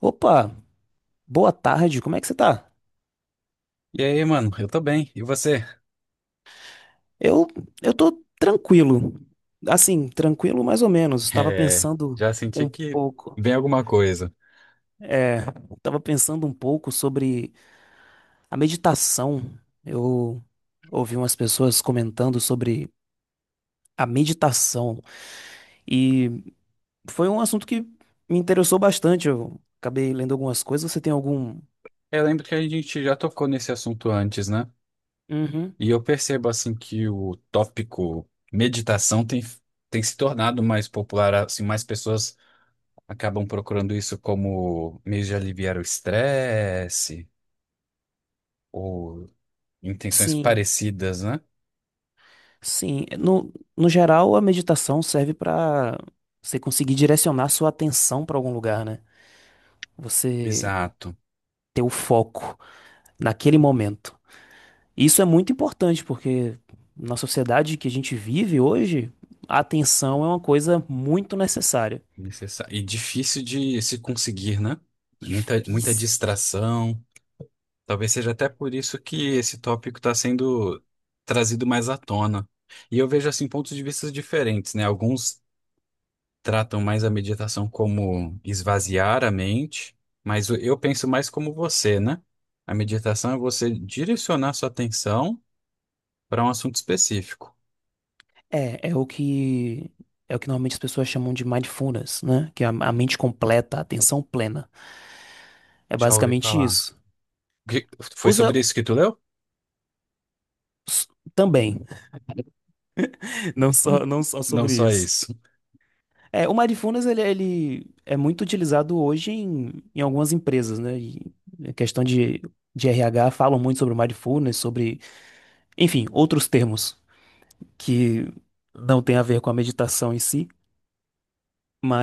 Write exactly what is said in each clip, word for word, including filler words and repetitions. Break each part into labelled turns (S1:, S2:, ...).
S1: Opa, boa tarde, como é que você tá?
S2: E aí, mano, eu tô bem. E você?
S1: Eu, eu tô tranquilo. Assim, tranquilo mais ou menos. Estava
S2: É,
S1: pensando
S2: já senti
S1: um
S2: que
S1: pouco.
S2: vem alguma coisa.
S1: É, estava pensando um pouco sobre a meditação. Eu ouvi umas pessoas comentando sobre a meditação e foi um assunto que me interessou bastante. Eu acabei lendo algumas coisas. Você tem algum?
S2: É, Eu lembro que a gente já tocou nesse assunto antes, né?
S1: Uhum.
S2: E eu percebo, assim, que o tópico meditação tem, tem se tornado mais popular, assim, mais pessoas acabam procurando isso como meio de aliviar o estresse ou intenções
S1: Sim.
S2: parecidas, né?
S1: Sim, no, no geral, a meditação serve para você conseguir direcionar sua atenção para algum lugar, né? Você
S2: Exato.
S1: ter o foco naquele momento. Isso é muito importante porque na sociedade que a gente vive hoje, a atenção é uma coisa muito necessária.
S2: Necessa- E difícil de se conseguir, né? Muita, muita
S1: Difícil.
S2: distração. Talvez seja até por isso que esse tópico está sendo trazido mais à tona. E eu vejo assim pontos de vista diferentes, né? Alguns tratam mais a meditação como esvaziar a mente, mas o- eu penso mais como você, né? A meditação é você direcionar sua atenção para um assunto específico.
S1: É, é o que é o que normalmente as pessoas chamam de mindfulness, né? Que é a, a mente completa, a atenção plena. É
S2: Já ouvi
S1: basicamente
S2: falar.
S1: isso.
S2: Que- Foi
S1: Usa
S2: sobre isso que tu leu?
S1: s- também, não só não só
S2: Não
S1: sobre
S2: só
S1: isso.
S2: isso,
S1: É, o Mindfulness, ele, ele é muito utilizado hoje em, em algumas empresas, né? E a questão de, de R H falam muito sobre o Mindfulness, sobre, enfim, outros termos que não tem a ver com a meditação em si,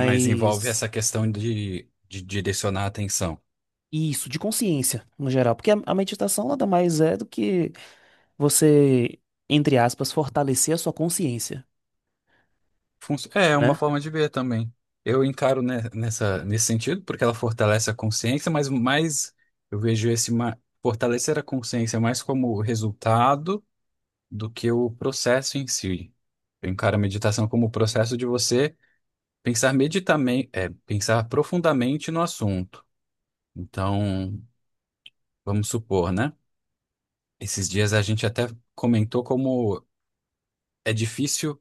S2: mas envolve essa questão de, de direcionar a atenção.
S1: isso, de consciência, no geral. Porque a, a meditação nada mais é do que você, entre aspas, fortalecer a sua consciência,
S2: Funci- É é uma
S1: né?
S2: forma de ver também. Eu encaro ne- nessa, nesse sentido, porque ela fortalece a consciência, mas mais eu vejo esse ma- fortalecer a consciência mais como resultado do que o processo em si. Eu encaro a meditação como o processo de você pensar meditamen- é, pensar profundamente no assunto. Então, vamos supor, né? Esses dias a gente até comentou como é difícil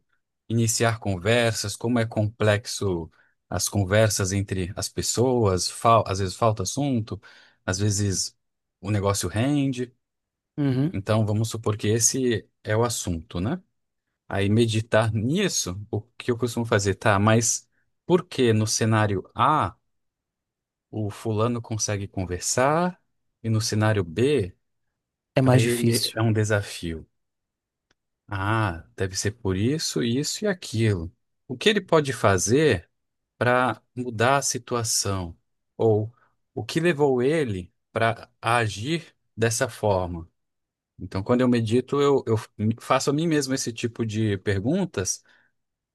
S2: iniciar conversas, como é complexo as conversas entre as pessoas, fal- às vezes falta assunto, às vezes o negócio rende.
S1: Uhum.
S2: Então, vamos supor que esse é o assunto, né? Aí, meditar nisso, o que eu costumo fazer, tá? Mas por que no cenário A o fulano consegue conversar e no cenário B,
S1: É
S2: para
S1: mais
S2: ele é
S1: difícil.
S2: um desafio? Ah, deve ser por isso, isso e aquilo. O que ele pode fazer para mudar a situação? Ou o que levou ele para agir dessa forma? Então, quando eu medito, eu, eu faço a mim mesmo esse tipo de perguntas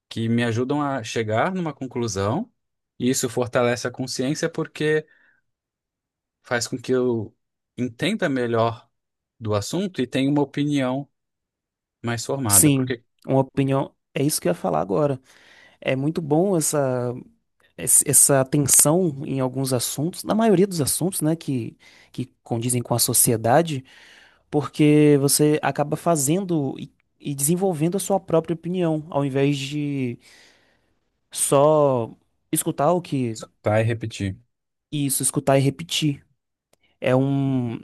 S2: que me ajudam a chegar numa conclusão, e isso fortalece a consciência porque faz com que eu entenda melhor do assunto e tenha uma opinião mais formada.
S1: Sim,
S2: Porque
S1: uma opinião. É isso que eu ia falar agora. É muito bom essa. esse- essa tensão em alguns assuntos, na maioria dos assuntos, né, que, que condizem com a sociedade, porque você acaba fazendo e, e desenvolvendo a sua própria opinião, ao invés de só escutar o que,
S2: vai repetir.
S1: isso, escutar e repetir. É um,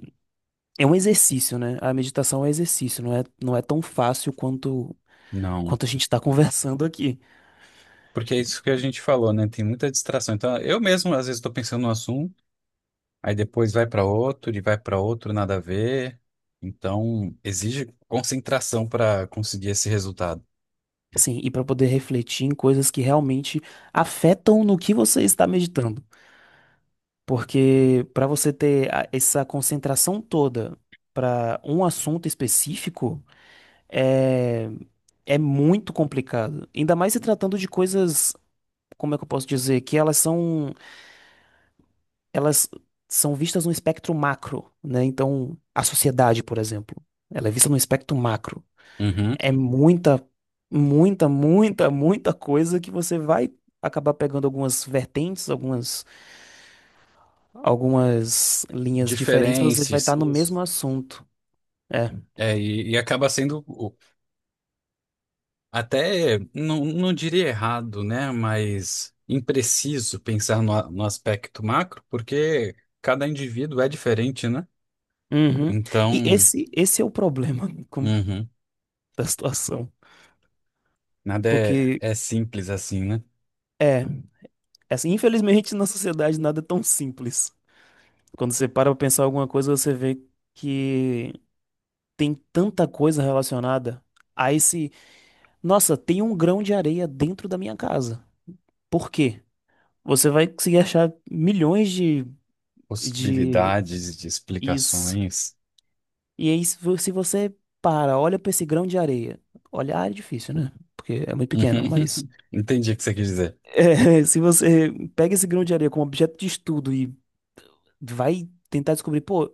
S1: é um exercício, né? A meditação é um exercício, não é, não é tão fácil quanto,
S2: Não.
S1: quanto a gente está conversando aqui.
S2: Porque é isso que a gente falou, né? Tem muita distração. Então, eu mesmo, às vezes, estou pensando num assunto, aí depois vai para outro e vai para outro, nada a ver. Então, exige concentração para conseguir esse resultado.
S1: Assim, e para poder refletir em coisas que realmente afetam no que você está meditando. Porque para você ter a- essa concentração toda para um assunto específico é, é muito complicado. Ainda mais se tratando de coisas, como é que eu posso dizer, que elas são elas são vistas num espectro macro, né? Então, a sociedade, por exemplo, ela é vista num espectro macro.
S2: Uhum.
S1: É muita, muita, muita, muita coisa que você vai acabar pegando algumas vertentes, algumas algumas linhas diferentes, mas você vai
S2: Diferentes.
S1: estar no
S2: Isso.
S1: mesmo assunto. É.
S2: É, e, e acaba sendo o- até, não, não diria errado, né? Mas impreciso pensar no, a- no aspecto macro, porque cada indivíduo é diferente, né?
S1: Uhum. E
S2: Então,
S1: esse, esse é o problema com-
S2: uhum,
S1: da situação.
S2: nada é,
S1: Porque,
S2: é simples assim, né?
S1: é, assim, infelizmente na sociedade nada é tão simples. Quando você para pra pensar alguma coisa, você vê que tem tanta coisa relacionada a esse. Nossa, tem um grão de areia dentro da minha casa. Por quê? Você vai conseguir achar milhões de, de
S2: Possibilidades de
S1: is
S2: explicações.
S1: E aí, se vo- se você para, olha para esse grão de areia. Olhar é difícil, né? Porque é muito pequeno, mas
S2: Uhum. Entendi o que você quis dizer.
S1: é, se você pega esse grão de areia como objeto de estudo e vai tentar descobrir, pô,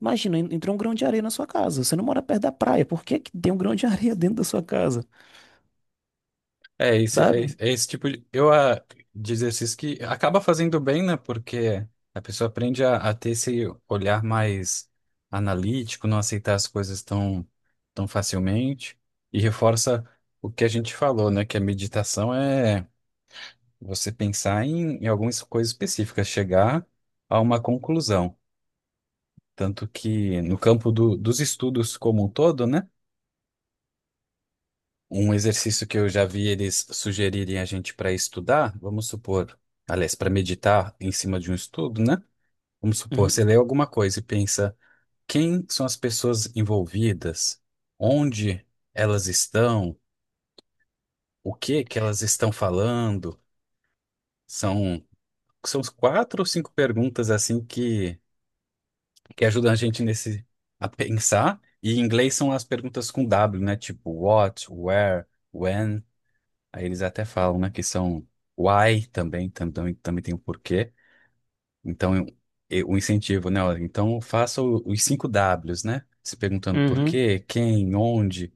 S1: imagina, en- entrou um grão de areia na sua casa. Você não mora perto da praia. Por que que tem um grão de areia dentro da sua casa?
S2: É esse, é,
S1: Sabe?
S2: esse é esse tipo de, eu, ah, de exercício que acaba fazendo bem, né? Porque a pessoa aprende a, a ter esse olhar mais analítico, não aceitar as coisas tão, tão facilmente e reforça o que a gente falou, né? Que a meditação é você pensar em, em algumas coisas específicas, chegar a uma conclusão. Tanto que no campo do, dos estudos como um todo, né? Um exercício que eu já vi eles sugerirem a gente para estudar, vamos supor, aliás, para meditar em cima de um estudo, né? Vamos supor,
S1: Uhum.
S2: você lê alguma coisa e pensa quem são as pessoas envolvidas, onde elas estão, o que que elas estão falando. São, são quatro ou cinco perguntas assim que, que ajudam a gente nesse a pensar. E em inglês são as perguntas com dáblio, né? Tipo what, where, when. Aí eles até falam, né, que são why também, tam- também, também tem um porquê. Então, eu- eu- o incentivo, né? Olha, então, faça o- os cinco dáblios, né? Se perguntando por
S1: Uhum.
S2: quê, quem, onde,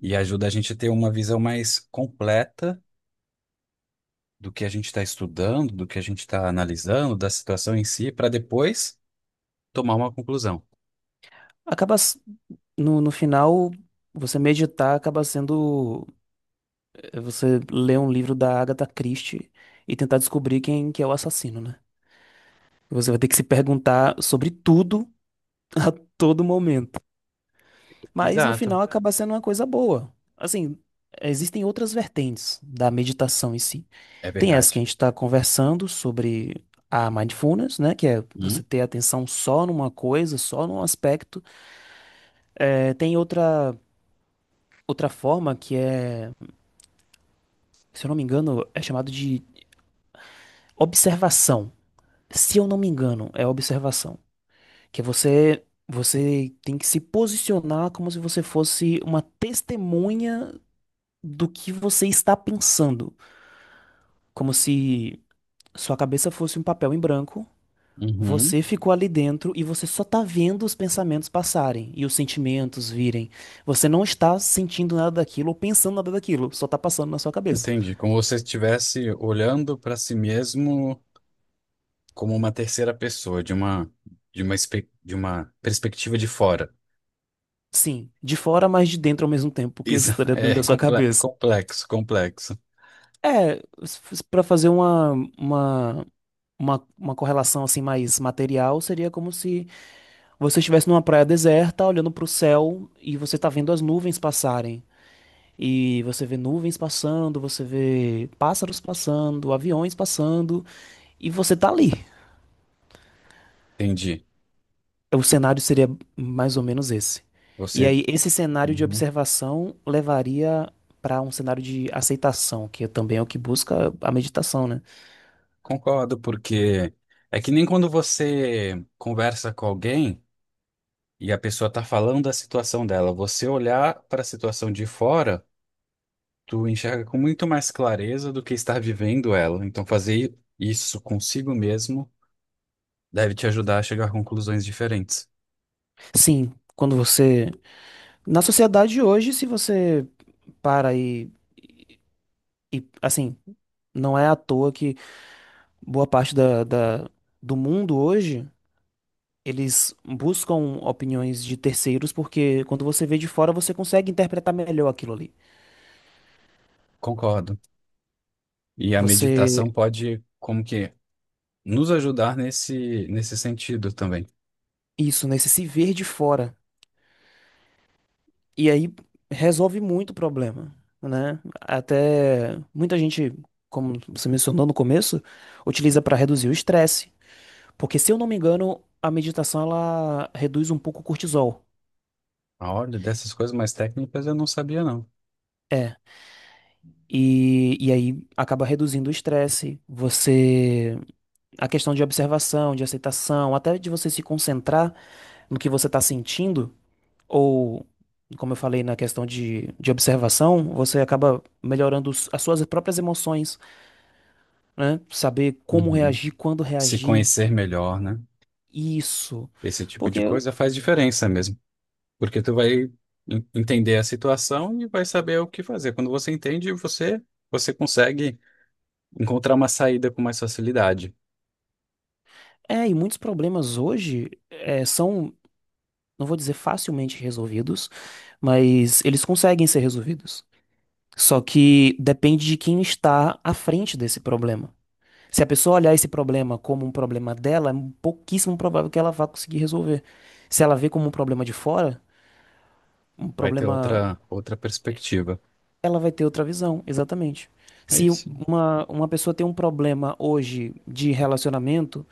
S2: e ajuda a gente a ter uma visão mais completa do que a gente está estudando, do que a gente está analisando, da situação em si, para depois tomar uma conclusão.
S1: Acaba s- no, no final, você meditar acaba sendo eh, você ler um livro da Agatha Christie e tentar descobrir quem que é o assassino, né? Você vai ter que se perguntar sobre tudo a todo momento. Mas no
S2: Exato,
S1: final acaba sendo uma coisa boa. Assim, existem outras vertentes da meditação em si.
S2: é
S1: Tem essa que
S2: verdade.
S1: a gente está conversando sobre a mindfulness, né? Que é você
S2: Hum?
S1: ter atenção só numa coisa, só num aspecto. É, tem outra, outra forma que é, se eu não me engano, é chamado de observação. Se eu não me engano, é observação. Que você você tem que se posicionar como se você fosse uma testemunha do que você está pensando, como se sua cabeça fosse um papel em branco.
S2: Uhum.
S1: Você ficou ali dentro e você só tá vendo os pensamentos passarem e os sentimentos virem. Você não está sentindo nada daquilo ou pensando nada daquilo, só tá passando na sua cabeça.
S2: Entendi. Como se você estivesse olhando para si mesmo como uma terceira pessoa, de uma, de uma, espe- de uma perspectiva de fora.
S1: Sim, de fora, mas de dentro ao mesmo tempo, porque isso
S2: Isso
S1: estaria dentro
S2: é
S1: da sua
S2: comple-
S1: cabeça.
S2: complexo, complexo.
S1: É, s- s- pra fazer uma, uma uma, uma correlação assim mais material seria como se você estivesse numa praia deserta, olhando para o céu e você está vendo as nuvens passarem. E você vê nuvens passando, você vê pássaros passando, aviões passando, e você tá ali.
S2: Entendi.
S1: O cenário seria mais ou menos esse. E
S2: Você.
S1: aí, esse cenário de
S2: Uhum.
S1: observação levaria para um cenário de aceitação, que é também é o que busca a meditação, né?
S2: Concordo, porque é que nem quando você conversa com alguém e a pessoa está falando da situação dela, você olhar para a situação de fora, tu enxerga com muito mais clareza do que estar vivendo ela. Então fazer isso consigo mesmo deve te ajudar a chegar a conclusões diferentes.
S1: Sim, quando você. Na sociedade de hoje, se você para e E, assim, não é à toa que boa parte da, da- do mundo hoje eles buscam opiniões de terceiros, porque quando você vê de fora, você consegue interpretar melhor aquilo ali.
S2: Concordo. E a
S1: Você,
S2: meditação pode, como que, nos ajudar nesse, nesse sentido também.
S1: isso, né? Você se ver de fora. E aí resolve muito o problema, né? Até muita gente, como você mencionou no começo, utiliza para reduzir o estresse. Porque, se eu não me engano, a meditação ela reduz um pouco o cortisol.
S2: Ah, olha, dessas coisas mais técnicas eu não sabia, não.
S1: É, E, e aí acaba reduzindo o estresse, você, a questão de observação, de aceitação, até de você se concentrar no que você está sentindo, ou, como eu falei na questão de, de observação, você acaba melhorando os- as suas próprias emoções, né? Saber como
S2: Uhum.
S1: reagir, quando
S2: Se
S1: reagir,
S2: conhecer melhor, né?
S1: isso.
S2: Esse tipo de
S1: Porque,
S2: coisa faz diferença mesmo. Porque tu vai en- entender a situação e vai saber o que fazer. Quando você entende, você, você consegue encontrar uma saída com mais facilidade.
S1: é, e muitos problemas hoje é, são, não vou dizer facilmente resolvidos, mas eles conseguem ser resolvidos. Só que depende de quem está à frente desse problema. Se a pessoa olhar esse problema como um problema dela, é pouquíssimo provável que ela vá conseguir resolver. Se ela vê como um problema de fora, um
S2: Vai ter
S1: problema,
S2: outra, outra perspectiva.
S1: ela vai ter outra visão, exatamente.
S2: É
S1: Se
S2: isso.
S1: uma, uma pessoa tem um problema hoje de relacionamento,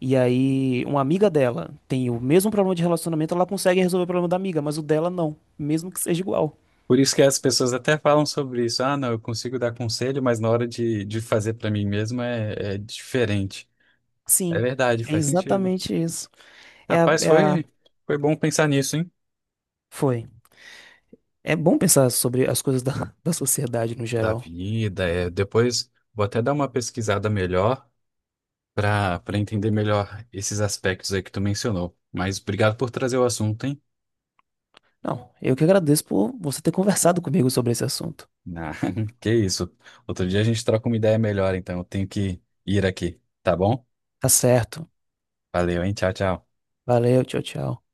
S1: e aí uma amiga dela tem o mesmo problema de relacionamento, ela consegue resolver o problema da amiga, mas o dela não, mesmo que seja igual.
S2: Por isso que as pessoas até falam sobre isso. Ah, não, eu consigo dar conselho, mas na hora de, de fazer para mim mesmo é, é diferente. É
S1: Sim,
S2: verdade,
S1: é
S2: faz sentido.
S1: exatamente isso. É a,
S2: Rapaz,
S1: é a...
S2: foi, foi bom pensar nisso, hein?
S1: Foi. É bom pensar sobre as coisas da, da sociedade no
S2: Da
S1: geral.
S2: vida, é. Depois vou até dar uma pesquisada melhor para para entender melhor esses aspectos aí que tu mencionou. Mas obrigado por trazer o assunto, hein?
S1: Não, eu que agradeço por você ter conversado comigo sobre esse assunto.
S2: Ah, que isso. Outro dia a gente troca uma ideia melhor, então eu tenho que ir aqui, tá bom?
S1: Tá certo.
S2: Valeu, hein? Tchau, tchau.
S1: Valeu, tchau, tchau.